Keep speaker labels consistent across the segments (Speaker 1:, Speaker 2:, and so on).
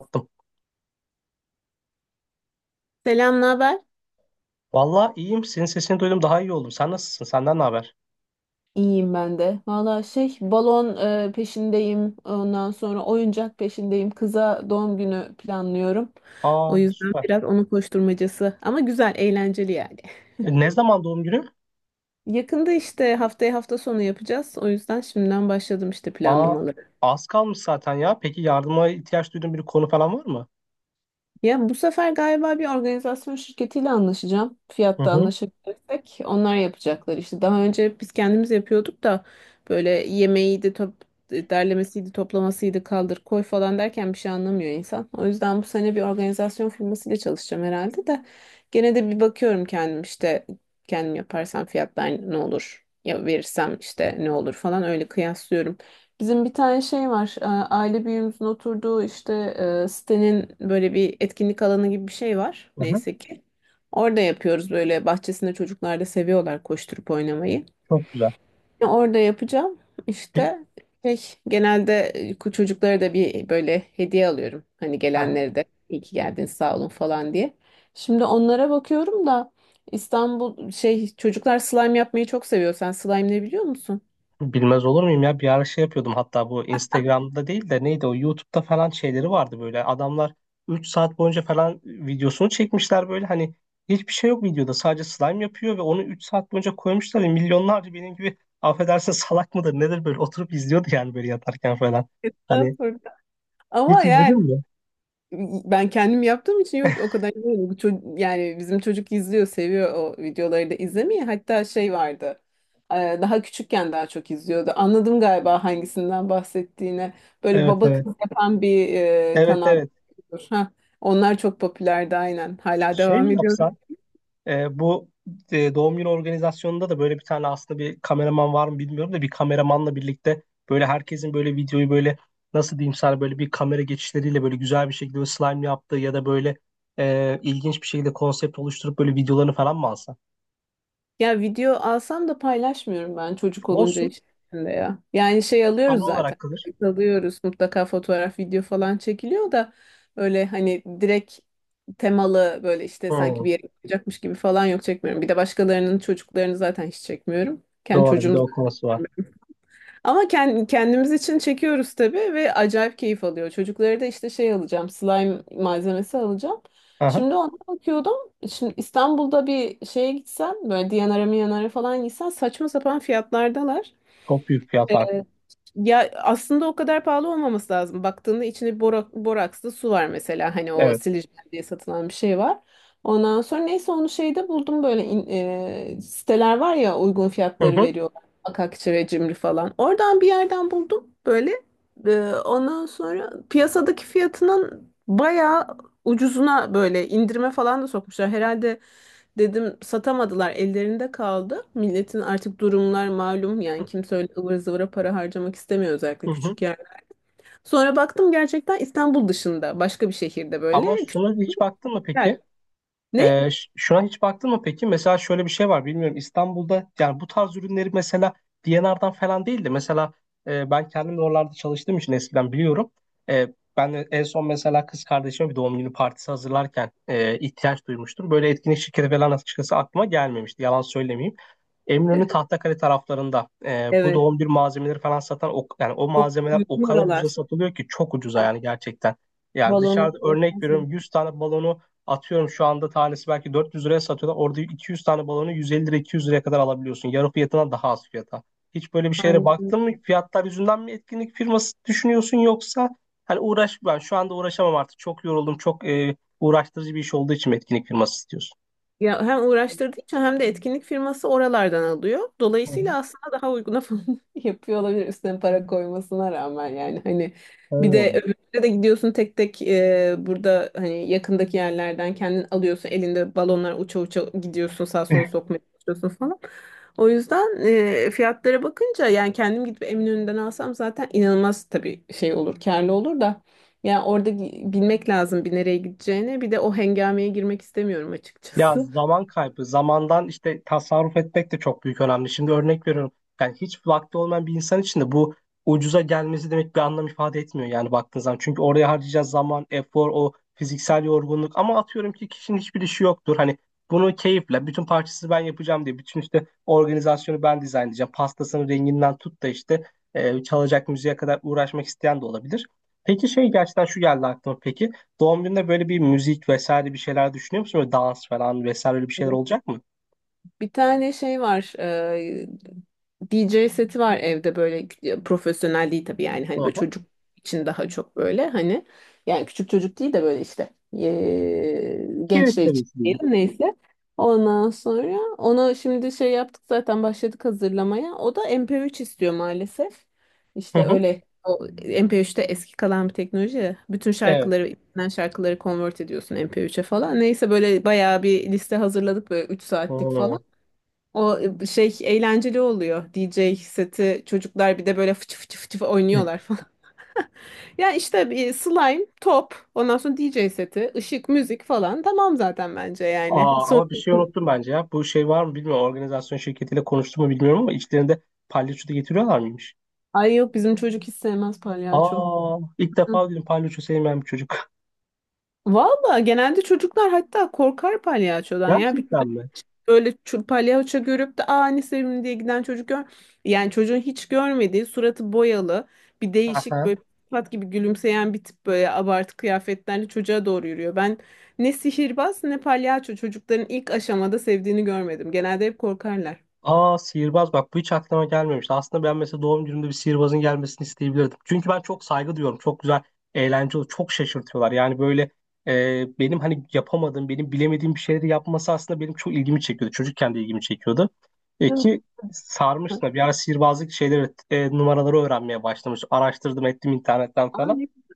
Speaker 1: Attım.
Speaker 2: Selam, ne haber?
Speaker 1: Vallahi iyiyim. Senin sesini duydum daha iyi oldum. Sen nasılsın? Senden ne haber?
Speaker 2: İyiyim ben de. Valla balon peşindeyim. Ondan sonra oyuncak peşindeyim. Kıza doğum günü planlıyorum. O
Speaker 1: Aa
Speaker 2: yüzden
Speaker 1: süper.
Speaker 2: biraz onun koşturmacası ama güzel, eğlenceli yani.
Speaker 1: Ne zaman doğum günü?
Speaker 2: Yakında işte haftaya hafta sonu yapacağız. O yüzden şimdiden başladım işte
Speaker 1: Aa
Speaker 2: planlamaları.
Speaker 1: az kalmış zaten ya. Peki yardıma ihtiyaç duyduğun bir konu falan var mı?
Speaker 2: Ya bu sefer galiba bir organizasyon şirketiyle anlaşacağım.
Speaker 1: Hı
Speaker 2: Fiyatta
Speaker 1: hı.
Speaker 2: anlaşabilirsek onlar yapacaklar. İşte daha önce biz kendimiz yapıyorduk da böyle yemeğiydi, top, derlemesiydi, toplamasıydı, kaldır koy falan derken bir şey anlamıyor insan. O yüzden bu sene bir organizasyon firmasıyla çalışacağım herhalde de gene de bir bakıyorum kendim, işte kendim yaparsam fiyatlar ne olur, ya verirsem işte ne olur falan öyle kıyaslıyorum. Bizim bir tane şey var. Aile büyüğümüzün oturduğu işte sitenin böyle bir etkinlik alanı gibi bir şey var.
Speaker 1: Hı hı.
Speaker 2: Neyse ki. Orada yapıyoruz, böyle bahçesinde çocuklar da seviyorlar koşturup oynamayı.
Speaker 1: Çok güzel.
Speaker 2: Orada yapacağım
Speaker 1: Pe-
Speaker 2: işte şey, genelde çocuklara da bir böyle hediye alıyorum. Hani gelenlere de iyi ki geldiniz, sağ olun falan diye. Şimdi onlara bakıyorum da İstanbul çocuklar slime yapmayı çok seviyor. Sen slime ne biliyor musun?
Speaker 1: Bilmez olur muyum ya bir ara şey yapıyordum hatta bu Instagram'da değil de neydi o YouTube'da falan şeyleri vardı böyle adamlar 3 saat boyunca falan videosunu çekmişler böyle hani hiçbir şey yok videoda sadece slime yapıyor ve onu 3 saat boyunca koymuşlar ve milyonlarca benim gibi affedersin salak mıdır nedir böyle oturup izliyordu yani böyle yatarken falan hani
Speaker 2: Estağfurullah. Ama
Speaker 1: hiç izledin
Speaker 2: yani
Speaker 1: mi?
Speaker 2: ben kendim yaptığım için yok, o kadar izlemedim. Bu çocuk, yani bizim çocuk izliyor, seviyor o videoları da izlemeyi. Hatta şey vardı. Daha küçükken daha çok izliyordu. Anladım galiba hangisinden bahsettiğini. Böyle
Speaker 1: Evet
Speaker 2: baba
Speaker 1: evet
Speaker 2: kız yapan bir
Speaker 1: evet
Speaker 2: kanal.
Speaker 1: evet
Speaker 2: Heh, onlar çok popülerdi aynen. Hala
Speaker 1: Şey mi
Speaker 2: devam ediyor.
Speaker 1: yapsan Bu doğum günü organizasyonunda da böyle bir tane aslında bir kameraman var mı bilmiyorum da bir kameramanla birlikte böyle herkesin böyle videoyu böyle nasıl diyeyim sana böyle bir kamera geçişleriyle böyle güzel bir şekilde böyle slime yaptığı ya da böyle ilginç bir şekilde konsept oluşturup böyle videolarını falan mı alsa?
Speaker 2: Ya video alsam da paylaşmıyorum, ben çocuk olunca
Speaker 1: Olsun.
Speaker 2: işte ya. Yani
Speaker 1: Ana
Speaker 2: alıyoruz
Speaker 1: olarak
Speaker 2: zaten.
Speaker 1: kalır.
Speaker 2: Kayıt alıyoruz mutlaka, fotoğraf, video falan çekiliyor da öyle hani direkt temalı böyle işte sanki
Speaker 1: Hmm,
Speaker 2: bir yere gidecekmiş gibi falan yok, çekmiyorum. Bir de başkalarının çocuklarını zaten hiç çekmiyorum. Kendi
Speaker 1: doğru bir de
Speaker 2: çocuğum.
Speaker 1: o konusu var.
Speaker 2: Ama kendimiz için çekiyoruz tabii, ve acayip keyif alıyor. Çocuklara da işte şey alacağım, slime malzemesi alacağım.
Speaker 1: Aha,
Speaker 2: Şimdi ona bakıyordum. Şimdi İstanbul'da bir şeye gitsen, böyle Diyanara Miyanara falan gitsen saçma sapan fiyatlardalar.
Speaker 1: çok büyük fiyat farkı.
Speaker 2: Ee, ya aslında o kadar pahalı olmaması lazım. Baktığında içinde borak, borakslı su var mesela. Hani o
Speaker 1: Evet.
Speaker 2: silicon diye satılan bir şey var. Ondan sonra neyse onu şeyde buldum, böyle siteler var ya, uygun
Speaker 1: Hı
Speaker 2: fiyatları
Speaker 1: hı.
Speaker 2: veriyorlar. Akakçe ve Cimri falan. Oradan bir yerden buldum böyle. Ondan sonra piyasadaki fiyatının bayağı ucuzuna, böyle indirime falan da sokmuşlar. Herhalde dedim, satamadılar ellerinde kaldı. Milletin artık durumlar malum yani, kimse öyle ıvır zıvıra para harcamak istemiyor,
Speaker 1: Hı
Speaker 2: özellikle
Speaker 1: hı.
Speaker 2: küçük yer. Sonra baktım gerçekten İstanbul dışında başka bir şehirde
Speaker 1: Ama
Speaker 2: böyle küçük
Speaker 1: şuna hiç baktın mı peki?
Speaker 2: yer. Ne?
Speaker 1: Şuna hiç baktın mı peki? Mesela şöyle bir şey var bilmiyorum. İstanbul'da yani bu tarz ürünleri mesela D&R'dan falan değil de mesela ben kendim de oralarda çalıştığım için eskiden biliyorum. E, Ben de en son mesela kız kardeşime bir doğum günü partisi hazırlarken ihtiyaç duymuştum. Böyle etkinlik şirketi falan açıkçası aklıma gelmemişti. Yalan söylemeyeyim. Eminönü Tahtakale taraflarında bu
Speaker 2: Evet.
Speaker 1: doğum bir malzemeleri falan satan yani o
Speaker 2: Çok
Speaker 1: malzemeler
Speaker 2: büyük
Speaker 1: o kadar ucuza
Speaker 2: oralar.
Speaker 1: satılıyor ki çok ucuza yani gerçekten. Yani
Speaker 2: Balonu.
Speaker 1: dışarıda örnek veriyorum 100 tane balonu atıyorum şu anda tanesi belki 400 liraya satıyorlar. Orada 200 tane balonu 150 lira 200 liraya kadar alabiliyorsun. Yarı fiyatına daha az fiyata. Hiç böyle bir şeylere
Speaker 2: Aynen.
Speaker 1: baktın mı? Fiyatlar yüzünden mi etkinlik firması düşünüyorsun yoksa hani uğraş ben şu anda uğraşamam artık. Çok yoruldum. Çok uğraştırıcı bir iş olduğu için mi etkinlik firması istiyorsun?
Speaker 2: Ya hem uğraştırdığı için hem de etkinlik firması oralardan alıyor.
Speaker 1: Hı hı.
Speaker 2: Dolayısıyla aslında daha uyguna falan yapıyor olabilir üstüne para koymasına rağmen yani hani, bir
Speaker 1: Evet.
Speaker 2: de öbürüne de gidiyorsun tek tek, burada hani yakındaki yerlerden kendin alıyorsun, elinde balonlar uça uça gidiyorsun, sağa sola sokmaya çalışıyorsun falan. O yüzden fiyatlara bakınca, yani kendim gidip Eminönü'nden alsam zaten inanılmaz tabii, şey olur, karlı olur da yani orada bilmek lazım bir nereye gideceğini, bir de o hengameye girmek istemiyorum
Speaker 1: Ya
Speaker 2: açıkçası.
Speaker 1: zaman kaybı, zamandan işte tasarruf etmek de çok büyük önemli. Şimdi örnek veriyorum. Yani hiç vakti olmayan bir insan için de bu ucuza gelmesi demek bir anlam ifade etmiyor yani baktığın zaman. Çünkü oraya harcayacağız zaman, efor, o fiziksel yorgunluk. Ama atıyorum ki kişinin hiçbir işi yoktur. Hani bunu keyifle, bütün parçası ben yapacağım diye, bütün işte organizasyonu ben dizayn edeceğim. Pastasının renginden tut da işte çalacak müziğe kadar uğraşmak isteyen de olabilir. Peki şey gerçekten şu geldi aklıma peki. Doğum gününde böyle bir müzik vesaire bir şeyler düşünüyor musun? Böyle dans falan vesaire öyle bir şeyler
Speaker 2: Evet.
Speaker 1: olacak mı?
Speaker 2: Bir tane şey var. DJ seti var evde, böyle profesyonel değil tabii, yani
Speaker 1: Hı
Speaker 2: hani böyle
Speaker 1: hı.
Speaker 2: çocuk için daha çok, böyle hani yani küçük çocuk değil de böyle işte
Speaker 1: Gerisi
Speaker 2: gençler için
Speaker 1: seviyesi diyelim.
Speaker 2: diyelim, neyse. Ondan sonra onu şimdi şey yaptık zaten, başladık hazırlamaya. O da MP3 istiyor maalesef.
Speaker 1: Hı
Speaker 2: İşte
Speaker 1: hı.
Speaker 2: öyle, o MP3'te eski kalan bir teknoloji ya. Bütün
Speaker 1: Evet.
Speaker 2: şarkıları, bilinen şarkıları convert ediyorsun MP3'e falan. Neyse böyle bayağı bir liste hazırladık, böyle 3 saatlik
Speaker 1: Hmm.
Speaker 2: falan. O eğlenceli oluyor. DJ seti, çocuklar bir de böyle fıçı fıçı fıçı oynuyorlar falan. Ya işte bir slime, top, ondan sonra DJ seti, ışık, müzik falan. Tamam zaten bence yani.
Speaker 1: Aa,
Speaker 2: Son...
Speaker 1: ama bir şey unuttum bence ya. Bu şey var mı bilmiyorum. Organizasyon şirketiyle konuştum mu bilmiyorum ama içlerinde palyaço da getiriyorlar mıymış?
Speaker 2: Ay yok, bizim çocuk hiç sevmez palyaço.
Speaker 1: Aa, ilk
Speaker 2: Hı.
Speaker 1: defa duydum palyaço sevmeyen bir çocuk.
Speaker 2: Valla genelde çocuklar hatta korkar palyaçodan ya.
Speaker 1: Gerçekten mi?
Speaker 2: Böyle palyaço görüp de aa ne sevimli diye giden çocuk gör. Yani çocuğun hiç görmediği, suratı boyalı bir değişik böyle, pat gibi gülümseyen bir tip, böyle abartı kıyafetlerle çocuğa doğru yürüyor. Ben ne sihirbaz ne palyaço çocukların ilk aşamada sevdiğini görmedim. Genelde hep korkarlar.
Speaker 1: Aa, sihirbaz bak bu hiç aklıma gelmemişti. Aslında ben mesela doğum günümde bir sihirbazın gelmesini isteyebilirdim. Çünkü ben çok saygı duyuyorum. Çok güzel, eğlenceli, çok şaşırtıyorlar. Yani böyle benim hani yapamadığım, benim bilemediğim bir şeyleri yapması aslında benim çok ilgimi çekiyordu. Çocukken de ilgimi çekiyordu.
Speaker 2: Evet.
Speaker 1: Ki sarmıştım da. Bir ara sihirbazlık şeyleri, numaraları öğrenmeye başlamış. Araştırdım ettim internetten
Speaker 2: Aa,
Speaker 1: falan.
Speaker 2: güzel.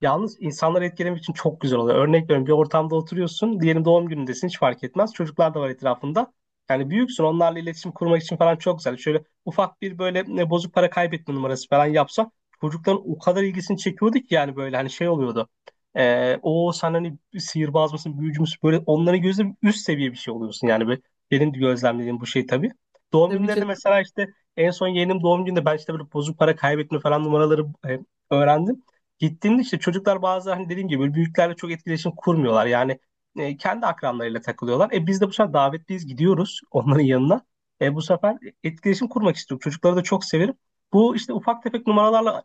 Speaker 1: Yalnız insanları etkilemek için çok güzel oluyor. Örnek veriyorum bir ortamda oturuyorsun. Diyelim doğum günündesin hiç fark etmez. Çocuklar da var etrafında. Yani büyüksün onlarla iletişim kurmak için falan çok güzel. Şöyle ufak bir böyle bozuk para kaybetme numarası falan yapsa çocukların o kadar ilgisini çekiyordu ki yani böyle hani şey oluyordu. O sen hani sihirbaz mısın büyücü müsün böyle onların gözünde üst seviye bir şey oluyorsun yani. Böyle benim gözlemlediğim bu şey tabii. Doğum
Speaker 2: Tabii
Speaker 1: günlerinde
Speaker 2: canım.
Speaker 1: mesela işte en son yeğenim doğum gününde ben işte böyle bozuk para kaybetme falan numaraları öğrendim. Gittiğimde işte çocuklar bazı hani dediğim gibi böyle büyüklerle çok etkileşim kurmuyorlar. Yani kendi akranlarıyla takılıyorlar. E biz de bu sefer davetliyiz gidiyoruz onların yanına. E bu sefer etkileşim kurmak istiyorum. Çocukları da çok severim. Bu işte ufak tefek numaralarla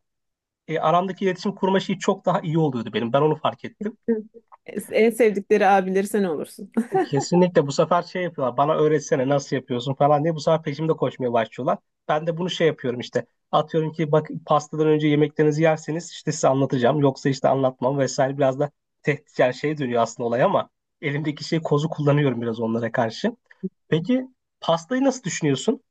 Speaker 1: aramdaki iletişim kurma şeyi çok daha iyi oluyordu benim. Ben onu fark ettim.
Speaker 2: En sevdikleri abileri sen olursun.
Speaker 1: Kesinlikle bu sefer şey yapıyorlar bana öğretsene nasıl yapıyorsun falan diye bu sefer peşimde koşmaya başlıyorlar. Ben de bunu şey yapıyorum işte atıyorum ki bak pastadan önce yemeklerinizi yerseniz işte size anlatacağım yoksa işte anlatmam vesaire biraz da tehdit yani şey dönüyor aslında olay ama elimdeki şey kozu kullanıyorum biraz onlara karşı. Peki pastayı nasıl düşünüyorsun?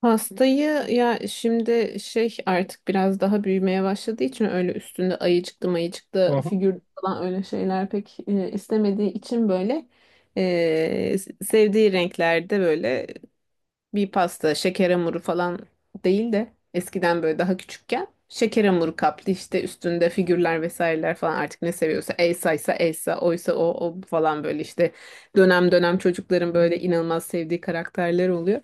Speaker 2: Pastayı ya, şimdi artık biraz daha büyümeye başladığı için öyle üstünde ayıcıklı
Speaker 1: Hı
Speaker 2: mayıcıklı
Speaker 1: hı.
Speaker 2: figür falan, öyle şeyler pek istemediği için böyle e, sevdiği renklerde böyle bir pasta, şeker hamuru falan değil de, eskiden böyle daha küçükken şeker hamuru kaplı, işte üstünde figürler vesaireler falan, artık ne seviyorsa, Elsa'ysa Elsa, oysa o, o falan böyle işte dönem dönem çocukların böyle inanılmaz sevdiği karakterler oluyor.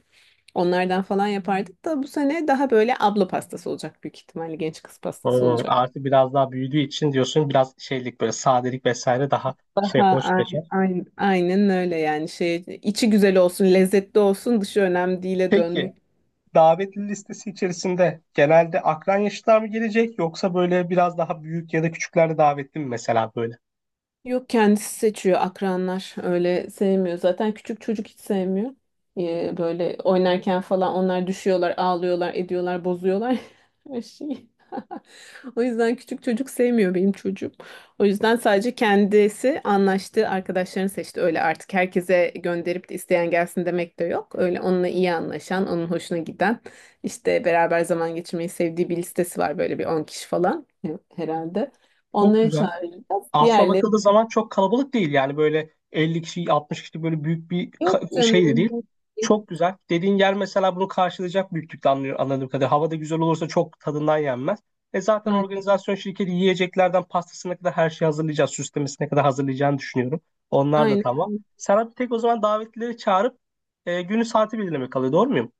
Speaker 2: Onlardan falan yapardık da bu sene daha böyle abla pastası olacak, büyük ihtimalle genç kız pastası olacak.
Speaker 1: Artık biraz daha büyüdüğü için diyorsun biraz şeylik böyle sadelik vesaire daha şey
Speaker 2: Daha
Speaker 1: hoş kaçar.
Speaker 2: aynen, aynen, öyle yani şey içi güzel olsun, lezzetli olsun, dışı önemli değil'e
Speaker 1: Peki
Speaker 2: dönmek.
Speaker 1: davetli listesi içerisinde genelde akran yaşlılar mı gelecek yoksa böyle biraz daha büyük ya da küçükler de davetli mi mesela böyle?
Speaker 2: Yok, kendisi seçiyor akranlar. Öyle sevmiyor. Zaten küçük çocuk hiç sevmiyor. Böyle oynarken falan onlar düşüyorlar, ağlıyorlar, ediyorlar, bozuyorlar her şeyi. O yüzden küçük çocuk sevmiyor benim çocuğum. O yüzden sadece kendisi anlaştığı arkadaşlarını seçti. Öyle artık herkese gönderip de isteyen gelsin demek de yok. Öyle onunla iyi anlaşan, onun hoşuna giden, işte beraber zaman geçirmeyi sevdiği bir listesi var, böyle bir 10 kişi falan herhalde.
Speaker 1: Çok
Speaker 2: Onları
Speaker 1: güzel.
Speaker 2: çağıracağız.
Speaker 1: Aslına
Speaker 2: Diğerleri.
Speaker 1: bakıldığı zaman çok kalabalık değil yani böyle 50 kişi 60 kişi böyle büyük bir
Speaker 2: Yok
Speaker 1: şey de
Speaker 2: canım,
Speaker 1: değil.
Speaker 2: çok iyi.
Speaker 1: Çok güzel. Dediğin yer mesela bunu karşılayacak büyüklükte anlıyor, anladığım kadarıyla. Hava da güzel olursa çok tadından yenmez. E zaten
Speaker 2: Aynen.
Speaker 1: organizasyon şirketi yiyeceklerden pastasına kadar her şeyi hazırlayacağız. Süslemesine kadar hazırlayacağını düşünüyorum. Onlar da
Speaker 2: Aynen.
Speaker 1: tamam. Sana bir tek o zaman davetlileri çağırıp günü saati belirlemek kalıyor. Doğru muyum?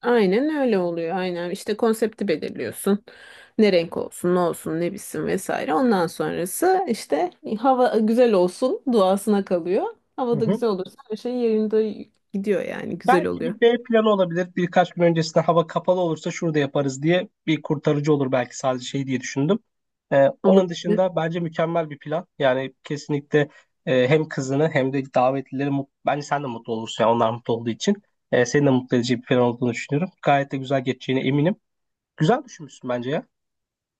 Speaker 2: Aynen öyle oluyor. Aynen. İşte konsepti belirliyorsun. Ne renk olsun, ne olsun, ne bitsin vesaire. Ondan sonrası işte hava güzel olsun duasına kalıyor.
Speaker 1: Hı
Speaker 2: Hava da
Speaker 1: hı.
Speaker 2: güzel olursa her şey yerinde gidiyor yani. Güzel
Speaker 1: Belki
Speaker 2: oluyor.
Speaker 1: bir B planı olabilir. Birkaç gün öncesinde hava kapalı olursa şurada yaparız diye bir kurtarıcı olur belki sadece şey diye düşündüm. Onun
Speaker 2: Olabilir.
Speaker 1: dışında bence mükemmel bir plan. Yani kesinlikle hem kızını hem de davetlileri bence sen de mutlu olursun. Yani onlar mutlu olduğu için. Seni de mutlu edici bir plan olduğunu düşünüyorum. Gayet de güzel geçeceğine eminim. Güzel düşünmüşsün bence ya.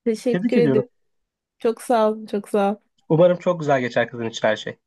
Speaker 2: Teşekkür
Speaker 1: Tebrik
Speaker 2: ederim.
Speaker 1: ediyorum.
Speaker 2: Çok sağ ol. Çok sağ ol.
Speaker 1: Umarım çok güzel geçer kızın için her şey.